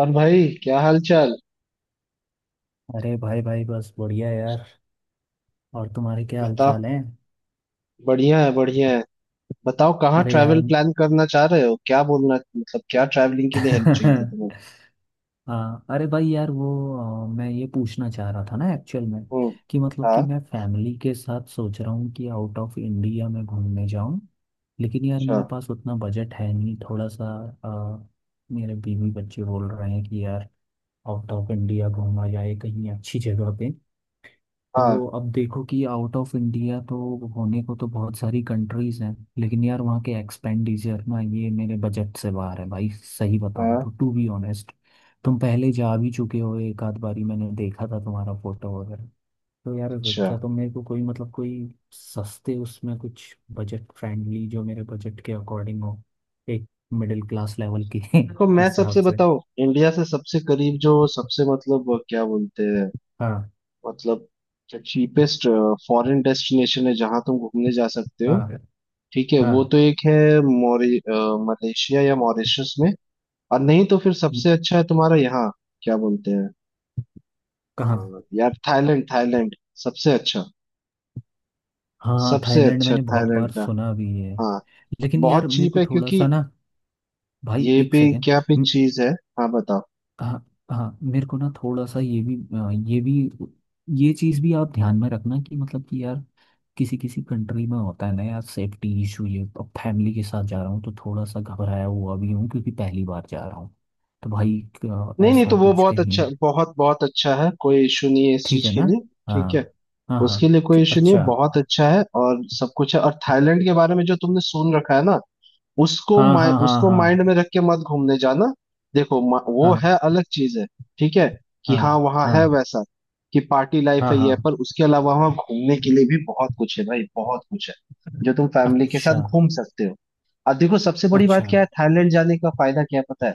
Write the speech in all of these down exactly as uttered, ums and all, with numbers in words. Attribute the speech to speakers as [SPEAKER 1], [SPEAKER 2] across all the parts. [SPEAKER 1] और भाई, क्या हाल चाल?
[SPEAKER 2] अरे भाई भाई बस बढ़िया यार। और तुम्हारे क्या हाल
[SPEAKER 1] बताओ।
[SPEAKER 2] चाल है।
[SPEAKER 1] बढ़िया है, बढ़िया है। बताओ, कहाँ
[SPEAKER 2] अरे यार।
[SPEAKER 1] ट्रैवल प्लान करना चाह रहे हो, क्या बोलना? मतलब क्या ट्रैवलिंग के लिए हेल्प चाहिए थी तुम्हें?
[SPEAKER 2] हाँ अरे भाई यार वो अ, मैं ये पूछना चाह रहा था ना एक्चुअल में
[SPEAKER 1] हम्म।
[SPEAKER 2] कि मतलब कि
[SPEAKER 1] हाँ।
[SPEAKER 2] मैं फैमिली के साथ सोच रहा हूँ कि आउट ऑफ इंडिया में घूमने जाऊँ। लेकिन यार
[SPEAKER 1] अच्छा।
[SPEAKER 2] मेरे पास उतना बजट है नहीं थोड़ा सा। अ, मेरे बीवी बच्चे बोल रहे हैं कि यार आउट ऑफ इंडिया घूमा जाए कहीं अच्छी जगह पे।
[SPEAKER 1] हाँ
[SPEAKER 2] तो अब देखो कि आउट ऑफ इंडिया तो होने को तो बहुत सारी कंट्रीज हैं लेकिन यार वहाँ के एक्सपेंडिचर ना ये मेरे बजट से बाहर है भाई सही बताऊँ
[SPEAKER 1] हाँ।
[SPEAKER 2] तो टू बी ऑनेस्ट। तुम पहले जा भी चुके हो एक आध बारी मैंने देखा था तुम्हारा फोटो वगैरह। तो यार
[SPEAKER 1] अच्छा।
[SPEAKER 2] क्या तुम मेरे को कोई मतलब कोई सस्ते उसमें कुछ बजट फ्रेंडली जो मेरे बजट के अकॉर्डिंग हो एक मिडिल क्लास लेवल के
[SPEAKER 1] देखो मैं
[SPEAKER 2] हिसाब
[SPEAKER 1] सबसे
[SPEAKER 2] से।
[SPEAKER 1] बताऊं, इंडिया से सबसे करीब जो, सबसे, मतलब क्या बोलते हैं,
[SPEAKER 2] हाँ।
[SPEAKER 1] मतलब चीपेस्ट फॉरेन डेस्टिनेशन है जहाँ तुम घूमने जा सकते हो।
[SPEAKER 2] हाँ।
[SPEAKER 1] ठीक है, वो
[SPEAKER 2] हाँ।
[SPEAKER 1] तो एक है। मोरी अ, मलेशिया या मॉरिशस में। और नहीं तो फिर सबसे अच्छा है तुम्हारा, यहाँ क्या बोलते हैं।
[SPEAKER 2] कहाँ?
[SPEAKER 1] हाँ, यार थाईलैंड, थाईलैंड सबसे अच्छा,
[SPEAKER 2] हाँ
[SPEAKER 1] सबसे
[SPEAKER 2] थाईलैंड
[SPEAKER 1] अच्छा
[SPEAKER 2] मैंने बहुत
[SPEAKER 1] थाईलैंड
[SPEAKER 2] बार
[SPEAKER 1] का।
[SPEAKER 2] सुना भी है।
[SPEAKER 1] हाँ।
[SPEAKER 2] लेकिन यार
[SPEAKER 1] बहुत
[SPEAKER 2] मेरे
[SPEAKER 1] चीप
[SPEAKER 2] को
[SPEAKER 1] है
[SPEAKER 2] थोड़ा सा
[SPEAKER 1] क्योंकि
[SPEAKER 2] ना भाई
[SPEAKER 1] ये
[SPEAKER 2] एक
[SPEAKER 1] भी
[SPEAKER 2] सेकेंड।
[SPEAKER 1] क्या भी चीज है। हाँ बताओ।
[SPEAKER 2] हाँ। हाँ। मेरे को ना थोड़ा सा ये भी अ, ये भी ये चीज़ भी आप ध्यान में रखना कि मतलब कि यार किसी किसी कंट्री में होता है ना यार सेफ्टी इशू ये अब फैमिली के साथ जा रहा हूँ तो थोड़ा सा घबराया हुआ भी हूँ क्योंकि पहली बार जा रहा हूँ। तो भाई अ,
[SPEAKER 1] नहीं नहीं,
[SPEAKER 2] ऐसा
[SPEAKER 1] तो वो
[SPEAKER 2] कुछ
[SPEAKER 1] बहुत अच्छा,
[SPEAKER 2] कहीं।
[SPEAKER 1] बहुत बहुत अच्छा है, कोई इशू नहीं है इस
[SPEAKER 2] ठीक
[SPEAKER 1] चीज
[SPEAKER 2] है
[SPEAKER 1] के
[SPEAKER 2] ना?
[SPEAKER 1] लिए। ठीक है।
[SPEAKER 2] हाँ। हाँ। हाँ।
[SPEAKER 1] उसके लिए कोई
[SPEAKER 2] ठीक-
[SPEAKER 1] इशू नहीं है,
[SPEAKER 2] अच्छा।
[SPEAKER 1] बहुत अच्छा है और सब कुछ है। और थाईलैंड के बारे में जो तुमने सुन रखा है ना, उसको
[SPEAKER 2] हाँ
[SPEAKER 1] माइ,
[SPEAKER 2] हाँ हाँ
[SPEAKER 1] उसको
[SPEAKER 2] हाँ।
[SPEAKER 1] माइंड में रख के मत घूमने जाना। देखो मा- वो
[SPEAKER 2] हाँ
[SPEAKER 1] है, अलग चीज है। ठीक है। कि हाँ
[SPEAKER 2] हाँ
[SPEAKER 1] वहाँ है
[SPEAKER 2] हाँ
[SPEAKER 1] वैसा, कि पार्टी लाइफ
[SPEAKER 2] हाँ।
[SPEAKER 1] है ये है,
[SPEAKER 2] हाँ।
[SPEAKER 1] पर उसके अलावा वहाँ घूमने के लिए भी बहुत कुछ है भाई, बहुत कुछ है, जो तुम फैमिली के
[SPEAKER 2] अच्छा।
[SPEAKER 1] साथ घूम सकते हो। अब देखो सबसे बड़ी बात
[SPEAKER 2] अच्छा।
[SPEAKER 1] क्या है, थाईलैंड जाने का फायदा क्या है पता है?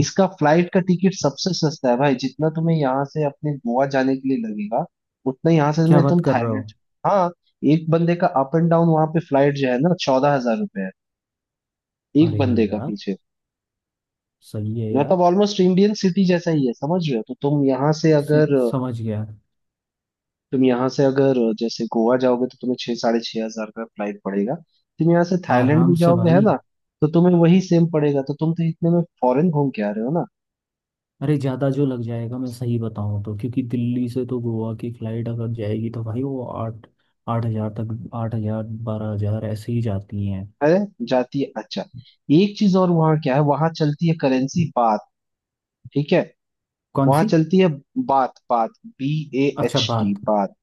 [SPEAKER 1] इसका फ्लाइट का टिकट सबसे सस्ता है भाई। जितना तुम्हें यहाँ से अपने गोवा जाने के लिए लगेगा, उतना यहाँ से
[SPEAKER 2] क्या
[SPEAKER 1] में
[SPEAKER 2] बात
[SPEAKER 1] तुम
[SPEAKER 2] कर रहे
[SPEAKER 1] थाईलैंड।
[SPEAKER 2] हो?
[SPEAKER 1] हाँ। एक बंदे का अप एंड डाउन वहां पे फ्लाइट जो है ना, चौदह हजार रुपए है, एक
[SPEAKER 2] अरे
[SPEAKER 1] बंदे का
[SPEAKER 2] यार
[SPEAKER 1] पीछे।
[SPEAKER 2] सही है यार।
[SPEAKER 1] मतलब ऑलमोस्ट इंडियन सिटी जैसा ही है, समझ रहे हो? तो तुम यहाँ से
[SPEAKER 2] से,
[SPEAKER 1] अगर
[SPEAKER 2] समझ गया।
[SPEAKER 1] तुम यहाँ से अगर जैसे गोवा जाओगे तो तुम्हें छह, साढ़े छह हजार का फ्लाइट पड़ेगा। तुम यहाँ से थाईलैंड
[SPEAKER 2] आराम
[SPEAKER 1] भी
[SPEAKER 2] से
[SPEAKER 1] जाओगे है
[SPEAKER 2] भाई।
[SPEAKER 1] ना, तो तुम्हें वही सेम पड़ेगा, तो तुम तो इतने में फॉरेन घूम के आ रहे हो ना।
[SPEAKER 2] अरे ज़्यादा जो लग जाएगा मैं सही बताऊँ तो क्योंकि दिल्ली से तो गोवा की फ़्लाइट अगर जाएगी तो भाई वो आठ आठ हज़ार तक आठ हज़ार बारह हज़ार ऐसे ही जाती हैं।
[SPEAKER 1] अरे, जाती है, अच्छा। एक चीज और, वहाँ क्या है, वहां चलती है करेंसी, बात। ठीक है।
[SPEAKER 2] कौन
[SPEAKER 1] वहां
[SPEAKER 2] सी?
[SPEAKER 1] चलती है बात, बात, बी ए एच
[SPEAKER 2] अच्छा
[SPEAKER 1] टी
[SPEAKER 2] बात।
[SPEAKER 1] बात।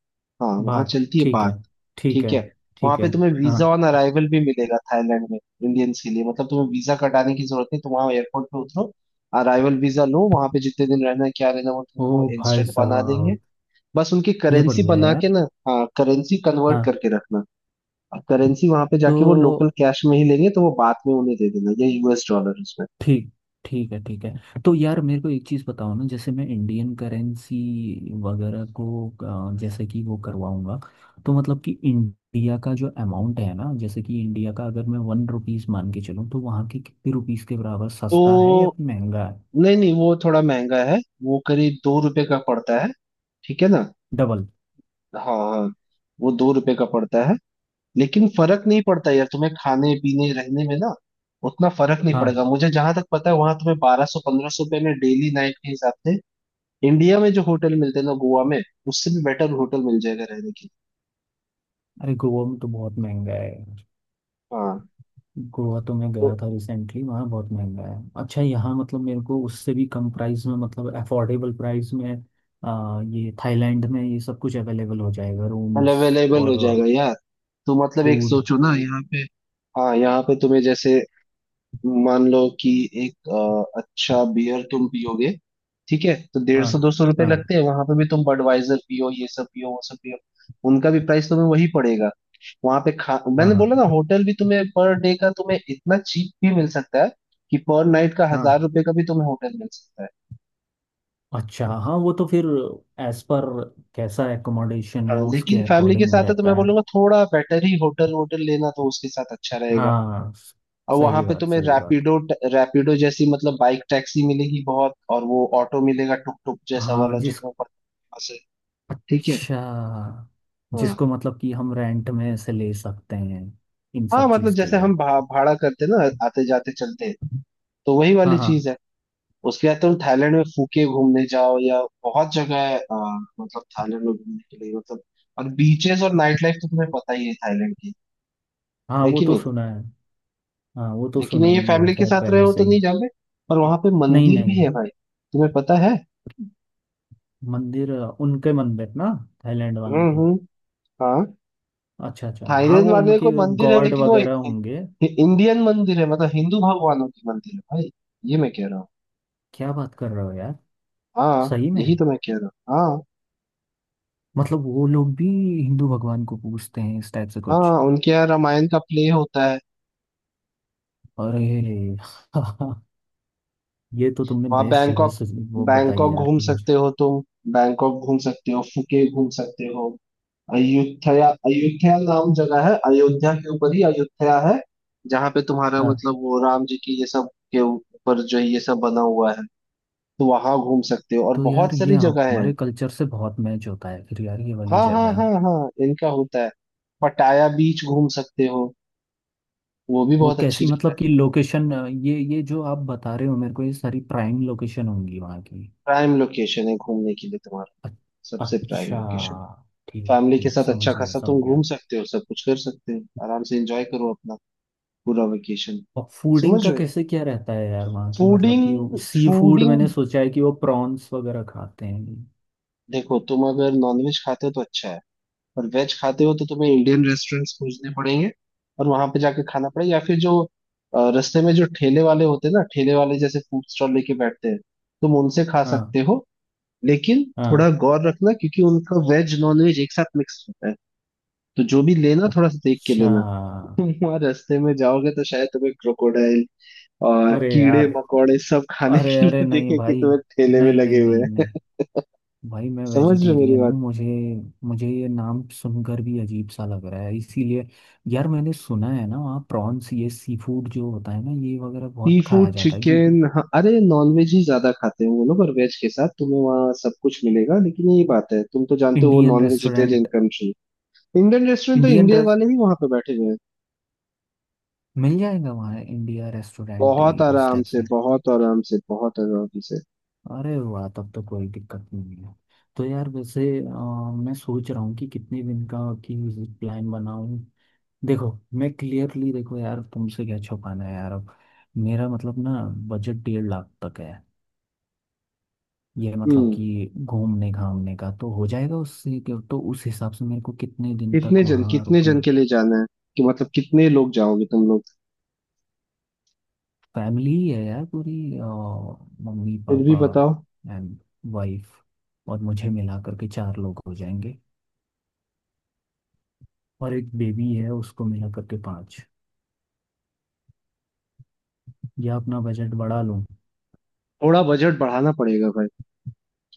[SPEAKER 1] हाँ, वहां
[SPEAKER 2] बात
[SPEAKER 1] चलती है
[SPEAKER 2] ठीक
[SPEAKER 1] बात।
[SPEAKER 2] है। ठीक
[SPEAKER 1] ठीक
[SPEAKER 2] है।
[SPEAKER 1] है। वहां
[SPEAKER 2] ठीक है।
[SPEAKER 1] पे तुम्हें वीजा
[SPEAKER 2] हाँ।
[SPEAKER 1] ऑन अराइवल भी मिलेगा थाईलैंड में, इंडियंस के लिए। मतलब तुम्हें वीजा कटाने की जरूरत नहीं, तुम वहां एयरपोर्ट पे उतरो, अराइवल वीजा लो। वहां पे जितने दिन रहना है, क्या रहना है, वो
[SPEAKER 2] ओ
[SPEAKER 1] तुमको
[SPEAKER 2] भाई
[SPEAKER 1] इंस्टेंट बना देंगे,
[SPEAKER 2] साहब।
[SPEAKER 1] बस उनकी
[SPEAKER 2] ये
[SPEAKER 1] करेंसी
[SPEAKER 2] बढ़िया है
[SPEAKER 1] बना
[SPEAKER 2] यार।
[SPEAKER 1] के ना। हाँ, करेंसी कन्वर्ट
[SPEAKER 2] हाँ।
[SPEAKER 1] करके रखना। और करेंसी वहां पे जाके वो लोकल
[SPEAKER 2] तो
[SPEAKER 1] कैश में ही लेंगे, तो वो बाद में उन्हें दे देना, या यूएस डॉलर उसमें।
[SPEAKER 2] ठीक। ठीक है। ठीक है। तो यार मेरे को एक चीज़ बताओ ना जैसे मैं इंडियन करेंसी वगैरह को अ, जैसे कि वो करवाऊंगा तो मतलब कि इंडिया का जो अमाउंट है ना जैसे कि इंडिया का अगर मैं वन रुपीज़ मान के चलूँ तो वहाँ के कितने रुपीज़ के बराबर सस्ता है या
[SPEAKER 1] तो
[SPEAKER 2] फिर महंगा है।
[SPEAKER 1] नहीं नहीं, वो थोड़ा महंगा है, वो करीब दो रुपए का पड़ता है। ठीक है ना?
[SPEAKER 2] डबल?
[SPEAKER 1] हाँ हाँ, वो दो रुपए का पड़ता है। लेकिन फर्क नहीं पड़ता यार तुम्हें खाने पीने रहने में ना, उतना फर्क नहीं
[SPEAKER 2] हाँ।
[SPEAKER 1] पड़ेगा। मुझे जहां तक पता है, वहां तुम्हें बारह सौ, पंद्रह सौ रुपए में डेली नाइट के हिसाब से, इंडिया में जो होटल मिलते हैं ना गोवा में, उससे भी बेटर होटल मिल जाएगा रहने के लिए।
[SPEAKER 2] अरे गोवा में तो बहुत महंगा है।
[SPEAKER 1] हाँ,
[SPEAKER 2] गोवा तो मैं
[SPEAKER 1] तो
[SPEAKER 2] गया था रिसेंटली वहाँ बहुत महंगा है। अच्छा यहाँ मतलब मेरे को उससे भी कम प्राइस में मतलब अफोर्डेबल प्राइस में आ, ये थाईलैंड में ये सब कुछ अवेलेबल हो जाएगा रूम्स
[SPEAKER 1] अवेलेबल हो
[SPEAKER 2] और
[SPEAKER 1] जाएगा यार। तो मतलब एक
[SPEAKER 2] फूड।
[SPEAKER 1] सोचो ना, यहाँ पे, हाँ यहाँ पे तुम्हें जैसे, मान लो कि एक, अ, अच्छा बियर तुम पियोगे, ठीक है, तो डेढ़
[SPEAKER 2] हाँ
[SPEAKER 1] सौ दो सौ रुपए
[SPEAKER 2] हाँ
[SPEAKER 1] लगते हैं। वहां पे भी तुम बडवाइजर पियो, ये सब पियो, वो सब पियो, उनका भी प्राइस तुम्हें वही पड़ेगा। वहां पे खा,
[SPEAKER 2] हाँ
[SPEAKER 1] मैंने बोला ना,
[SPEAKER 2] हाँ
[SPEAKER 1] होटल भी तुम्हें पर डे का तुम्हें इतना चीप भी मिल सकता है कि पर नाइट का हजार
[SPEAKER 2] हाँ।
[SPEAKER 1] रुपए का भी तुम्हें होटल मिल सकता है।
[SPEAKER 2] अच्छा हाँ वो तो फिर एज पर कैसा एकोमोडेशन
[SPEAKER 1] हाँ
[SPEAKER 2] है उसके
[SPEAKER 1] लेकिन फैमिली के
[SPEAKER 2] अकॉर्डिंग
[SPEAKER 1] साथ है तो मैं
[SPEAKER 2] रहता है।
[SPEAKER 1] बोलूंगा थोड़ा बेटर ही होटल, होटल लेना, तो उसके साथ अच्छा रहेगा।
[SPEAKER 2] हाँ स-
[SPEAKER 1] और वहां
[SPEAKER 2] सही
[SPEAKER 1] पे
[SPEAKER 2] बात
[SPEAKER 1] तुम्हें
[SPEAKER 2] सही बात।
[SPEAKER 1] रैपिडो, रैपिडो जैसी मतलब बाइक टैक्सी मिलेगी बहुत, और वो ऑटो मिलेगा टुक टुक जैसा
[SPEAKER 2] हाँ
[SPEAKER 1] वाला, जो
[SPEAKER 2] जिस
[SPEAKER 1] तुम्हें पता है वहाँ से। ठीक है।
[SPEAKER 2] अच्छा
[SPEAKER 1] हाँ।
[SPEAKER 2] जिसको मतलब कि हम रेंट में से ले सकते हैं इन
[SPEAKER 1] हाँ
[SPEAKER 2] सब
[SPEAKER 1] मतलब
[SPEAKER 2] चीज़ के
[SPEAKER 1] जैसे
[SPEAKER 2] लिए।
[SPEAKER 1] हम भा, भाड़ा करते ना आते जाते चलते, तो वही
[SPEAKER 2] हाँ।
[SPEAKER 1] वाली चीज
[SPEAKER 2] हाँ।
[SPEAKER 1] है। उसके बाद तुम थाईलैंड में फूके घूमने जाओ, या बहुत जगह है, अ, मतलब थाईलैंड में घूमने के लिए, मतलब, और बीचेस और नाइट लाइफ तो तुम्हें पता ही है थाईलैंड की,
[SPEAKER 2] हाँ
[SPEAKER 1] है
[SPEAKER 2] वो
[SPEAKER 1] कि
[SPEAKER 2] तो
[SPEAKER 1] नहीं।
[SPEAKER 2] सुना है। हाँ वो तो
[SPEAKER 1] लेकिन
[SPEAKER 2] सुना
[SPEAKER 1] ये
[SPEAKER 2] ही है
[SPEAKER 1] फैमिली के
[SPEAKER 2] खैर
[SPEAKER 1] साथ रहे
[SPEAKER 2] पहले
[SPEAKER 1] हो
[SPEAKER 2] से
[SPEAKER 1] तो
[SPEAKER 2] ही।
[SPEAKER 1] नहीं जाओगे। और वहां पे
[SPEAKER 2] नहीं
[SPEAKER 1] मंदिर
[SPEAKER 2] नहीं।
[SPEAKER 1] भी है भाई, तुम्हें पता है।
[SPEAKER 2] मंदिर? उनके मंदिर ना थाईलैंड वालों
[SPEAKER 1] हम्म
[SPEAKER 2] के।
[SPEAKER 1] हम्म। हाँ,
[SPEAKER 2] अच्छा अच्छा हाँ
[SPEAKER 1] थाईलैंड
[SPEAKER 2] वो
[SPEAKER 1] वाले को
[SPEAKER 2] उनके
[SPEAKER 1] मंदिर है
[SPEAKER 2] गॉड
[SPEAKER 1] लेकिन वो इ-
[SPEAKER 2] वगैरह होंगे।
[SPEAKER 1] इ- इंडियन मंदिर है, मतलब हिंदू भगवानों की मंदिर है भाई, ये मैं कह रहा हूँ।
[SPEAKER 2] क्या बात कर रहे हो यार।
[SPEAKER 1] हाँ
[SPEAKER 2] सही में?
[SPEAKER 1] यही तो मैं कह रहा हूँ। हाँ,
[SPEAKER 2] मतलब वो लोग भी हिंदू भगवान को पूजते हैं इस टाइप से कुछ।
[SPEAKER 1] हाँ, उनके यहाँ रामायण का प्ले होता है।
[SPEAKER 2] अरे। ये तो तुमने
[SPEAKER 1] वहाँ
[SPEAKER 2] बेस्ट जगह
[SPEAKER 1] बैंकॉक,
[SPEAKER 2] से वो बताई
[SPEAKER 1] बैंकॉक
[SPEAKER 2] यार
[SPEAKER 1] घूम
[SPEAKER 2] कि मुझे।
[SPEAKER 1] सकते हो तुम। बैंकॉक घूम सकते हो, फुके घूम सकते हो, अयुथया, अयुथया नाम जगह है, अयोध्या के ऊपर ही अयुथया है, जहाँ पे तुम्हारा
[SPEAKER 2] हाँ
[SPEAKER 1] मतलब वो राम जी की ये सब के ऊपर जो है ये सब बना हुआ है। तो वहां घूम सकते हो और
[SPEAKER 2] तो यार
[SPEAKER 1] बहुत
[SPEAKER 2] ये
[SPEAKER 1] सारी जगह है।
[SPEAKER 2] हमारे कल्चर से बहुत मैच होता है फिर यार ये वाली
[SPEAKER 1] हाँ हाँ
[SPEAKER 2] जगह।
[SPEAKER 1] हाँ हाँ, इनका होता है। पटाया बीच घूम सकते हो, वो भी
[SPEAKER 2] वो
[SPEAKER 1] बहुत अच्छी
[SPEAKER 2] कैसी
[SPEAKER 1] जगह है।
[SPEAKER 2] मतलब कि लोकेशन ये ये जो आप बता रहे हो मेरे को ये सारी प्राइम लोकेशन होंगी वहाँ की।
[SPEAKER 1] प्राइम लोकेशन है घूमने के लिए तुम्हारा,
[SPEAKER 2] अ-
[SPEAKER 1] सबसे प्राइम
[SPEAKER 2] अच्छा।
[SPEAKER 1] लोकेशन।
[SPEAKER 2] ठीक
[SPEAKER 1] फैमिली के
[SPEAKER 2] ठीक
[SPEAKER 1] साथ अच्छा
[SPEAKER 2] समझ गया
[SPEAKER 1] खासा
[SPEAKER 2] समझ
[SPEAKER 1] तुम
[SPEAKER 2] गया।
[SPEAKER 1] घूम सकते हो, सब कुछ कर सकते हो, आराम से एंजॉय करो अपना पूरा वेकेशन,
[SPEAKER 2] और फूडिंग
[SPEAKER 1] समझ
[SPEAKER 2] का
[SPEAKER 1] रहे हो?
[SPEAKER 2] कैसे क्या रहता है यार वहाँ की मतलब
[SPEAKER 1] फूडिंग,
[SPEAKER 2] कि सी फूड
[SPEAKER 1] फूडिंग,
[SPEAKER 2] मैंने सोचा है कि वो प्रॉन्स वगैरह खाते हैं।
[SPEAKER 1] देखो तुम अगर नॉनवेज खाते हो तो अच्छा है, और वेज खाते हो तो तुम्हें इंडियन रेस्टोरेंट्स खोजने पड़ेंगे और वहां पे जाके खाना पड़ेगा, या फिर जो अ, रास्ते में जो ठेले वाले होते हैं ना, ठेले वाले जैसे फूड स्टॉल लेके बैठते हैं, तुम उनसे खा
[SPEAKER 2] हाँ।
[SPEAKER 1] सकते हो। लेकिन थोड़ा
[SPEAKER 2] हाँ।
[SPEAKER 1] गौर रखना क्योंकि उनका वेज नॉन वेज एक साथ मिक्स होता है, तो जो भी लेना थोड़ा सा देख के
[SPEAKER 2] अच्छा।
[SPEAKER 1] लेना। तुम वहां रास्ते में जाओगे तो शायद तुम्हें क्रोकोडाइल और
[SPEAKER 2] अरे
[SPEAKER 1] कीड़े
[SPEAKER 2] यार।
[SPEAKER 1] मकोड़े सब खाने
[SPEAKER 2] अरे
[SPEAKER 1] के
[SPEAKER 2] अरे
[SPEAKER 1] लिए
[SPEAKER 2] नहीं
[SPEAKER 1] देखे कि
[SPEAKER 2] भाई।
[SPEAKER 1] तुम्हें ठेले में
[SPEAKER 2] नहीं
[SPEAKER 1] लगे
[SPEAKER 2] नहीं
[SPEAKER 1] हुए
[SPEAKER 2] नहीं
[SPEAKER 1] हैं,
[SPEAKER 2] नहीं। भाई मैं
[SPEAKER 1] समझ रहे हो मेरी
[SPEAKER 2] वेजिटेरियन हूँ
[SPEAKER 1] बात?
[SPEAKER 2] मुझे मुझे ये नाम सुनकर भी अजीब सा लग रहा है इसीलिए। यार मैंने सुना है ना वहाँ प्रॉन्स ये सी फूड जो होता है ना ये वगैरह
[SPEAKER 1] सी
[SPEAKER 2] बहुत खाया
[SPEAKER 1] फूड
[SPEAKER 2] जाता है क्योंकि
[SPEAKER 1] चिकन, हाँ, अरे नॉनवेज ही ज्यादा खाते हैं वो लोग, और वेज के साथ तुम्हें वहाँ सब कुछ मिलेगा, लेकिन यही बात है तुम तो जानते हो वो
[SPEAKER 2] Indian
[SPEAKER 1] non vegetarian
[SPEAKER 2] restaurant.
[SPEAKER 1] Country. Indian restaurant तो
[SPEAKER 2] इंडियन
[SPEAKER 1] इंडियन
[SPEAKER 2] रेस
[SPEAKER 1] वाले ही वहां पे बैठे हुए हैं,
[SPEAKER 2] मिल जाएगा वहाँ इंडिया रेस्टोरेंट
[SPEAKER 1] बहुत
[SPEAKER 2] इस
[SPEAKER 1] आराम
[SPEAKER 2] टाइप
[SPEAKER 1] से,
[SPEAKER 2] से।
[SPEAKER 1] बहुत आराम से, बहुत आराम से।
[SPEAKER 2] अरे वाह तब तो कोई दिक्कत नहीं है। तो यार वैसे अ, मैं सोच रहा हूँ कि कितने दिन का की विजिट प्लान बनाऊँ। देखो मैं क्लियरली देखो यार तुमसे क्या छुपाना है यार अब मेरा मतलब ना बजट डेढ़ लाख तक है। ये मतलब
[SPEAKER 1] हम्म।
[SPEAKER 2] कि घूमने घामने का तो हो जाएगा उससे कि- तो उस हिसाब से मेरे को कितने दिन
[SPEAKER 1] कितने
[SPEAKER 2] तक
[SPEAKER 1] जन
[SPEAKER 2] वहाँ
[SPEAKER 1] कितने जन
[SPEAKER 2] रुकना।
[SPEAKER 1] के लिए जाना है, कि मतलब कितने लोग जाओगे तुम लोग?
[SPEAKER 2] फैमिली ही है यार पूरी अ, मम्मी
[SPEAKER 1] फिर भी
[SPEAKER 2] पापा
[SPEAKER 1] बताओ।
[SPEAKER 2] एंड वाइफ और मुझे मिला करके चार लोग हो जाएंगे और एक बेबी है उसको मिला करके पाँच या अपना बजट बढ़ा लूँ।
[SPEAKER 1] थोड़ा बजट बढ़ाना पड़ेगा भाई,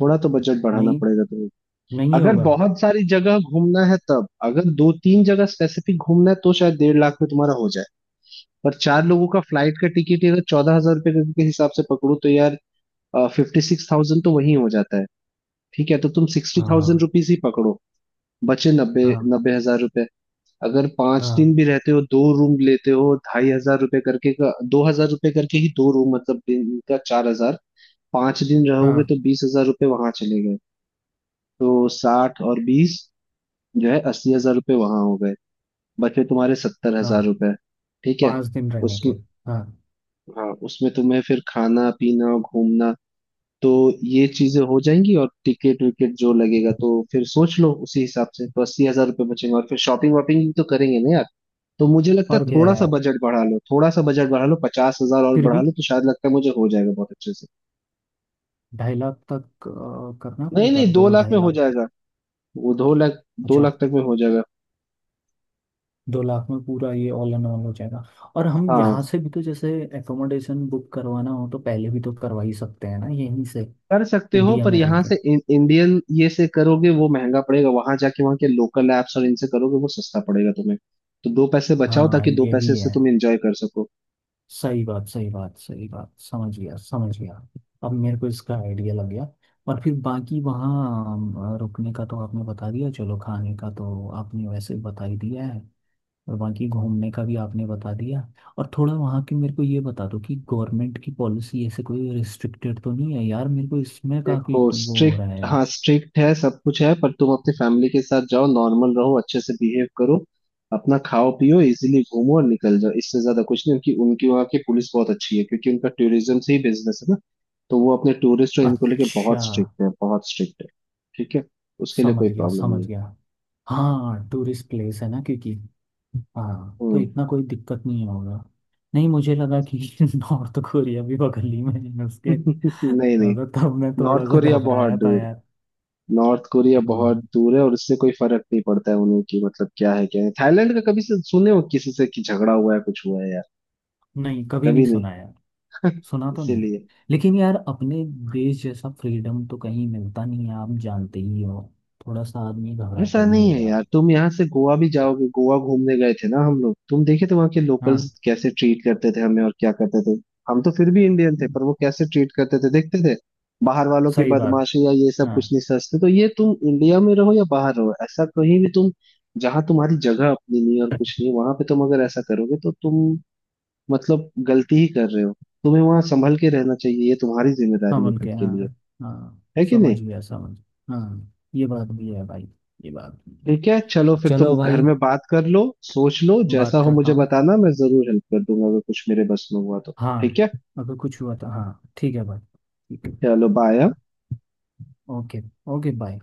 [SPEAKER 1] थोड़ा तो बजट बढ़ाना
[SPEAKER 2] नहीं
[SPEAKER 1] पड़ेगा तुम्हें।
[SPEAKER 2] नहीं
[SPEAKER 1] अगर
[SPEAKER 2] होगा।
[SPEAKER 1] बहुत सारी जगह घूमना है, तब अगर दो तीन जगह स्पेसिफिक घूमना है तो शायद डेढ़ लाख में तुम्हारा हो जाए। पर चार लोगों का फ्लाइट का टिकट ही अगर चौदह हजार रुपये के के हिसाब से पकड़ो, तो यार फिफ्टी सिक्स थाउज़ेंड तो वही हो जाता है। ठीक है, तो तुम सिक्सटी थाउजेंड
[SPEAKER 2] हाँ
[SPEAKER 1] रुपीज ही पकड़ो। बचे नब्बे,
[SPEAKER 2] हाँ
[SPEAKER 1] नब्बे हजार रुपए। अगर पांच दिन
[SPEAKER 2] हाँ
[SPEAKER 1] भी रहते हो, दो रूम लेते हो, ढाई हजार रुपए करके का, दो हजार रुपए करके ही, दो रूम मतलब दिन का चार हजार, पांच दिन रहोगे
[SPEAKER 2] हाँ
[SPEAKER 1] तो बीस हजार रुपए वहां चले गए। तो साठ और बीस जो है, अस्सी हजार रुपये वहां हो गए, बचे तुम्हारे सत्तर हजार
[SPEAKER 2] हाँ।
[SPEAKER 1] रुपये ठीक है,
[SPEAKER 2] पाँच दिन रहने के
[SPEAKER 1] उसमें,
[SPEAKER 2] हाँ।
[SPEAKER 1] हाँ उसमें तुम्हें फिर खाना पीना घूमना, तो ये चीजें हो जाएंगी और टिकट विकेट जो लगेगा तो फिर सोच लो उसी हिसाब से, तो अस्सी हजार रुपये बचेंगे और फिर शॉपिंग वॉपिंग भी तो करेंगे ना यार। तो मुझे लगता है
[SPEAKER 2] और क्या है
[SPEAKER 1] थोड़ा सा
[SPEAKER 2] यार
[SPEAKER 1] बजट बढ़ा लो, थोड़ा सा बजट बढ़ा लो, पचास हजार और
[SPEAKER 2] फिर
[SPEAKER 1] बढ़ा
[SPEAKER 2] भी
[SPEAKER 1] लो तो शायद लगता है मुझे हो जाएगा बहुत अच्छे से।
[SPEAKER 2] ढाई लाख तक अ, करना
[SPEAKER 1] नहीं
[SPEAKER 2] पड़ेगा
[SPEAKER 1] नहीं, दो
[SPEAKER 2] दो
[SPEAKER 1] लाख
[SPEAKER 2] ढाई
[SPEAKER 1] में हो
[SPEAKER 2] लाख
[SPEAKER 1] जाएगा, वो दो लाख, दो
[SPEAKER 2] अच्छा।
[SPEAKER 1] लाख तक में हो जाएगा।
[SPEAKER 2] दो लाख में पूरा ये ऑल एंड ऑल हो जाएगा और हम यहाँ
[SPEAKER 1] हाँ,
[SPEAKER 2] से भी तो जैसे एकोमोडेशन बुक करवाना हो तो पहले भी तो करवा ही सकते हैं ना यहीं से।
[SPEAKER 1] कर सकते हो,
[SPEAKER 2] इंडिया
[SPEAKER 1] पर
[SPEAKER 2] में रह
[SPEAKER 1] यहाँ
[SPEAKER 2] के।
[SPEAKER 1] से इन, इंडियन ये से करोगे वो महंगा पड़ेगा, वहां जाके वहां के लोकल एप्स और इनसे करोगे वो सस्ता पड़ेगा तुम्हें, तो दो पैसे बचाओ
[SPEAKER 2] हाँ
[SPEAKER 1] ताकि दो
[SPEAKER 2] ये
[SPEAKER 1] पैसे
[SPEAKER 2] भी
[SPEAKER 1] से
[SPEAKER 2] है।
[SPEAKER 1] तुम एंजॉय कर सको।
[SPEAKER 2] सही बात सही बात सही बात समझ गया समझ गया। अब मेरे को इसका आइडिया लग गया। और फिर बाकी वहाँ अम, रुकने का तो आपने बता दिया चलो खाने का तो आपने वैसे बता ही दिया है और बाकी घूमने का भी आपने बता दिया। और थोड़ा वहाँ की मेरे को ये बता दो कि गवर्नमेंट की पॉलिसी ऐसे कोई रिस्ट्रिक्टेड तो नहीं है यार मेरे को इसमें काफ़ी
[SPEAKER 1] देखो
[SPEAKER 2] वो हो
[SPEAKER 1] स्ट्रिक्ट,
[SPEAKER 2] रहा है यार।
[SPEAKER 1] हाँ स्ट्रिक्ट है सब कुछ है, पर तुम अपनी फैमिली के साथ जाओ, नॉर्मल रहो, अच्छे से बिहेव करो, अपना खाओ पियो, इजीली घूमो और निकल जाओ, इससे ज्यादा कुछ नहीं। उनकी उनकी वहाँ की पुलिस बहुत अच्छी है क्योंकि उनका टूरिज्म से ही बिजनेस है ना, तो वो अपने टूरिस्ट और इनको लेके
[SPEAKER 2] अच्छा।
[SPEAKER 1] बहुत स्ट्रिक्ट है, बहुत स्ट्रिक्ट है। ठीक है। उसके लिए कोई
[SPEAKER 2] समझ गया
[SPEAKER 1] प्रॉब्लम नहीं है।
[SPEAKER 2] समझ गया। हाँ टूरिस्ट प्लेस है ना क्योंकि हाँ तो
[SPEAKER 1] हम्म।
[SPEAKER 2] इतना कोई दिक्कत नहीं होगा। नहीं मुझे लगा कि नॉर्थ कोरिया भी बगल ही में है उसके।
[SPEAKER 1] नहीं नहीं,
[SPEAKER 2] हाँ, तो तब मैं
[SPEAKER 1] नॉर्थ
[SPEAKER 2] थोड़ा सा
[SPEAKER 1] कोरिया बहुत
[SPEAKER 2] घबराया था
[SPEAKER 1] दूर,
[SPEAKER 2] यार।
[SPEAKER 1] नॉर्थ कोरिया
[SPEAKER 2] हम्म,
[SPEAKER 1] बहुत दूर है, और उससे कोई फर्क नहीं पड़ता है उन्हें कि, मतलब क्या है, क्या है थाईलैंड का कभी से सुने हो किसी से कि झगड़ा हुआ है कुछ हुआ है यार?
[SPEAKER 2] नहीं कभी नहीं
[SPEAKER 1] कभी नहीं।
[SPEAKER 2] सुना यार। सुना तो नहीं।
[SPEAKER 1] इसीलिए।
[SPEAKER 2] लेकिन यार अपने देश जैसा फ्रीडम तो कहीं मिलता नहीं है आप जानते ही हो। थोड़ा सा आदमी घबराता
[SPEAKER 1] ऐसा
[SPEAKER 2] ही
[SPEAKER 1] नहीं
[SPEAKER 2] है
[SPEAKER 1] है
[SPEAKER 2] यार।
[SPEAKER 1] यार। तुम यहाँ से गोवा भी जाओगे, गोवा घूमने गए थे ना हम लोग, तुम देखे थे वहाँ के लोकल्स
[SPEAKER 2] हाँ।
[SPEAKER 1] कैसे ट्रीट करते थे हमें और क्या करते थे। हम तो फिर भी इंडियन थे,
[SPEAKER 2] हम्म,
[SPEAKER 1] पर वो कैसे ट्रीट करते थे देखते थे, बाहर वालों की
[SPEAKER 2] सही बात।
[SPEAKER 1] बदमाशी या ये सब
[SPEAKER 2] हाँ।
[SPEAKER 1] कुछ नहीं सोचते। तो ये तुम इंडिया में रहो या बाहर रहो, ऐसा कहीं भी तुम, जहाँ तुम्हारी जगह अपनी नहीं और कुछ नहीं, वहां पे तुम अगर ऐसा करोगे तो तुम मतलब गलती ही कर रहे हो। तुम्हें वहां संभल के रहना चाहिए, ये तुम्हारी जिम्मेदारी है
[SPEAKER 2] समझ
[SPEAKER 1] खुद
[SPEAKER 2] के
[SPEAKER 1] के
[SPEAKER 2] हाँ
[SPEAKER 1] लिए,
[SPEAKER 2] हाँ।
[SPEAKER 1] है कि
[SPEAKER 2] समझ
[SPEAKER 1] नहीं।
[SPEAKER 2] गया। समझ हाँ ये बात भी है भाई। ये बात भी है।
[SPEAKER 1] ठीक है, चलो फिर तुम
[SPEAKER 2] चलो
[SPEAKER 1] घर
[SPEAKER 2] भाई।
[SPEAKER 1] में बात कर लो, सोच लो जैसा
[SPEAKER 2] बात
[SPEAKER 1] हो
[SPEAKER 2] करता
[SPEAKER 1] मुझे
[SPEAKER 2] हूँ।
[SPEAKER 1] बताना, मैं जरूर हेल्प कर दूंगा अगर कुछ मेरे बस में हुआ तो। ठीक
[SPEAKER 2] हाँ।
[SPEAKER 1] है,
[SPEAKER 2] अगर कुछ हुआ तो हाँ ठीक है भाई। ठीक है।
[SPEAKER 1] चलो बाय।
[SPEAKER 2] ओके। Okay bye.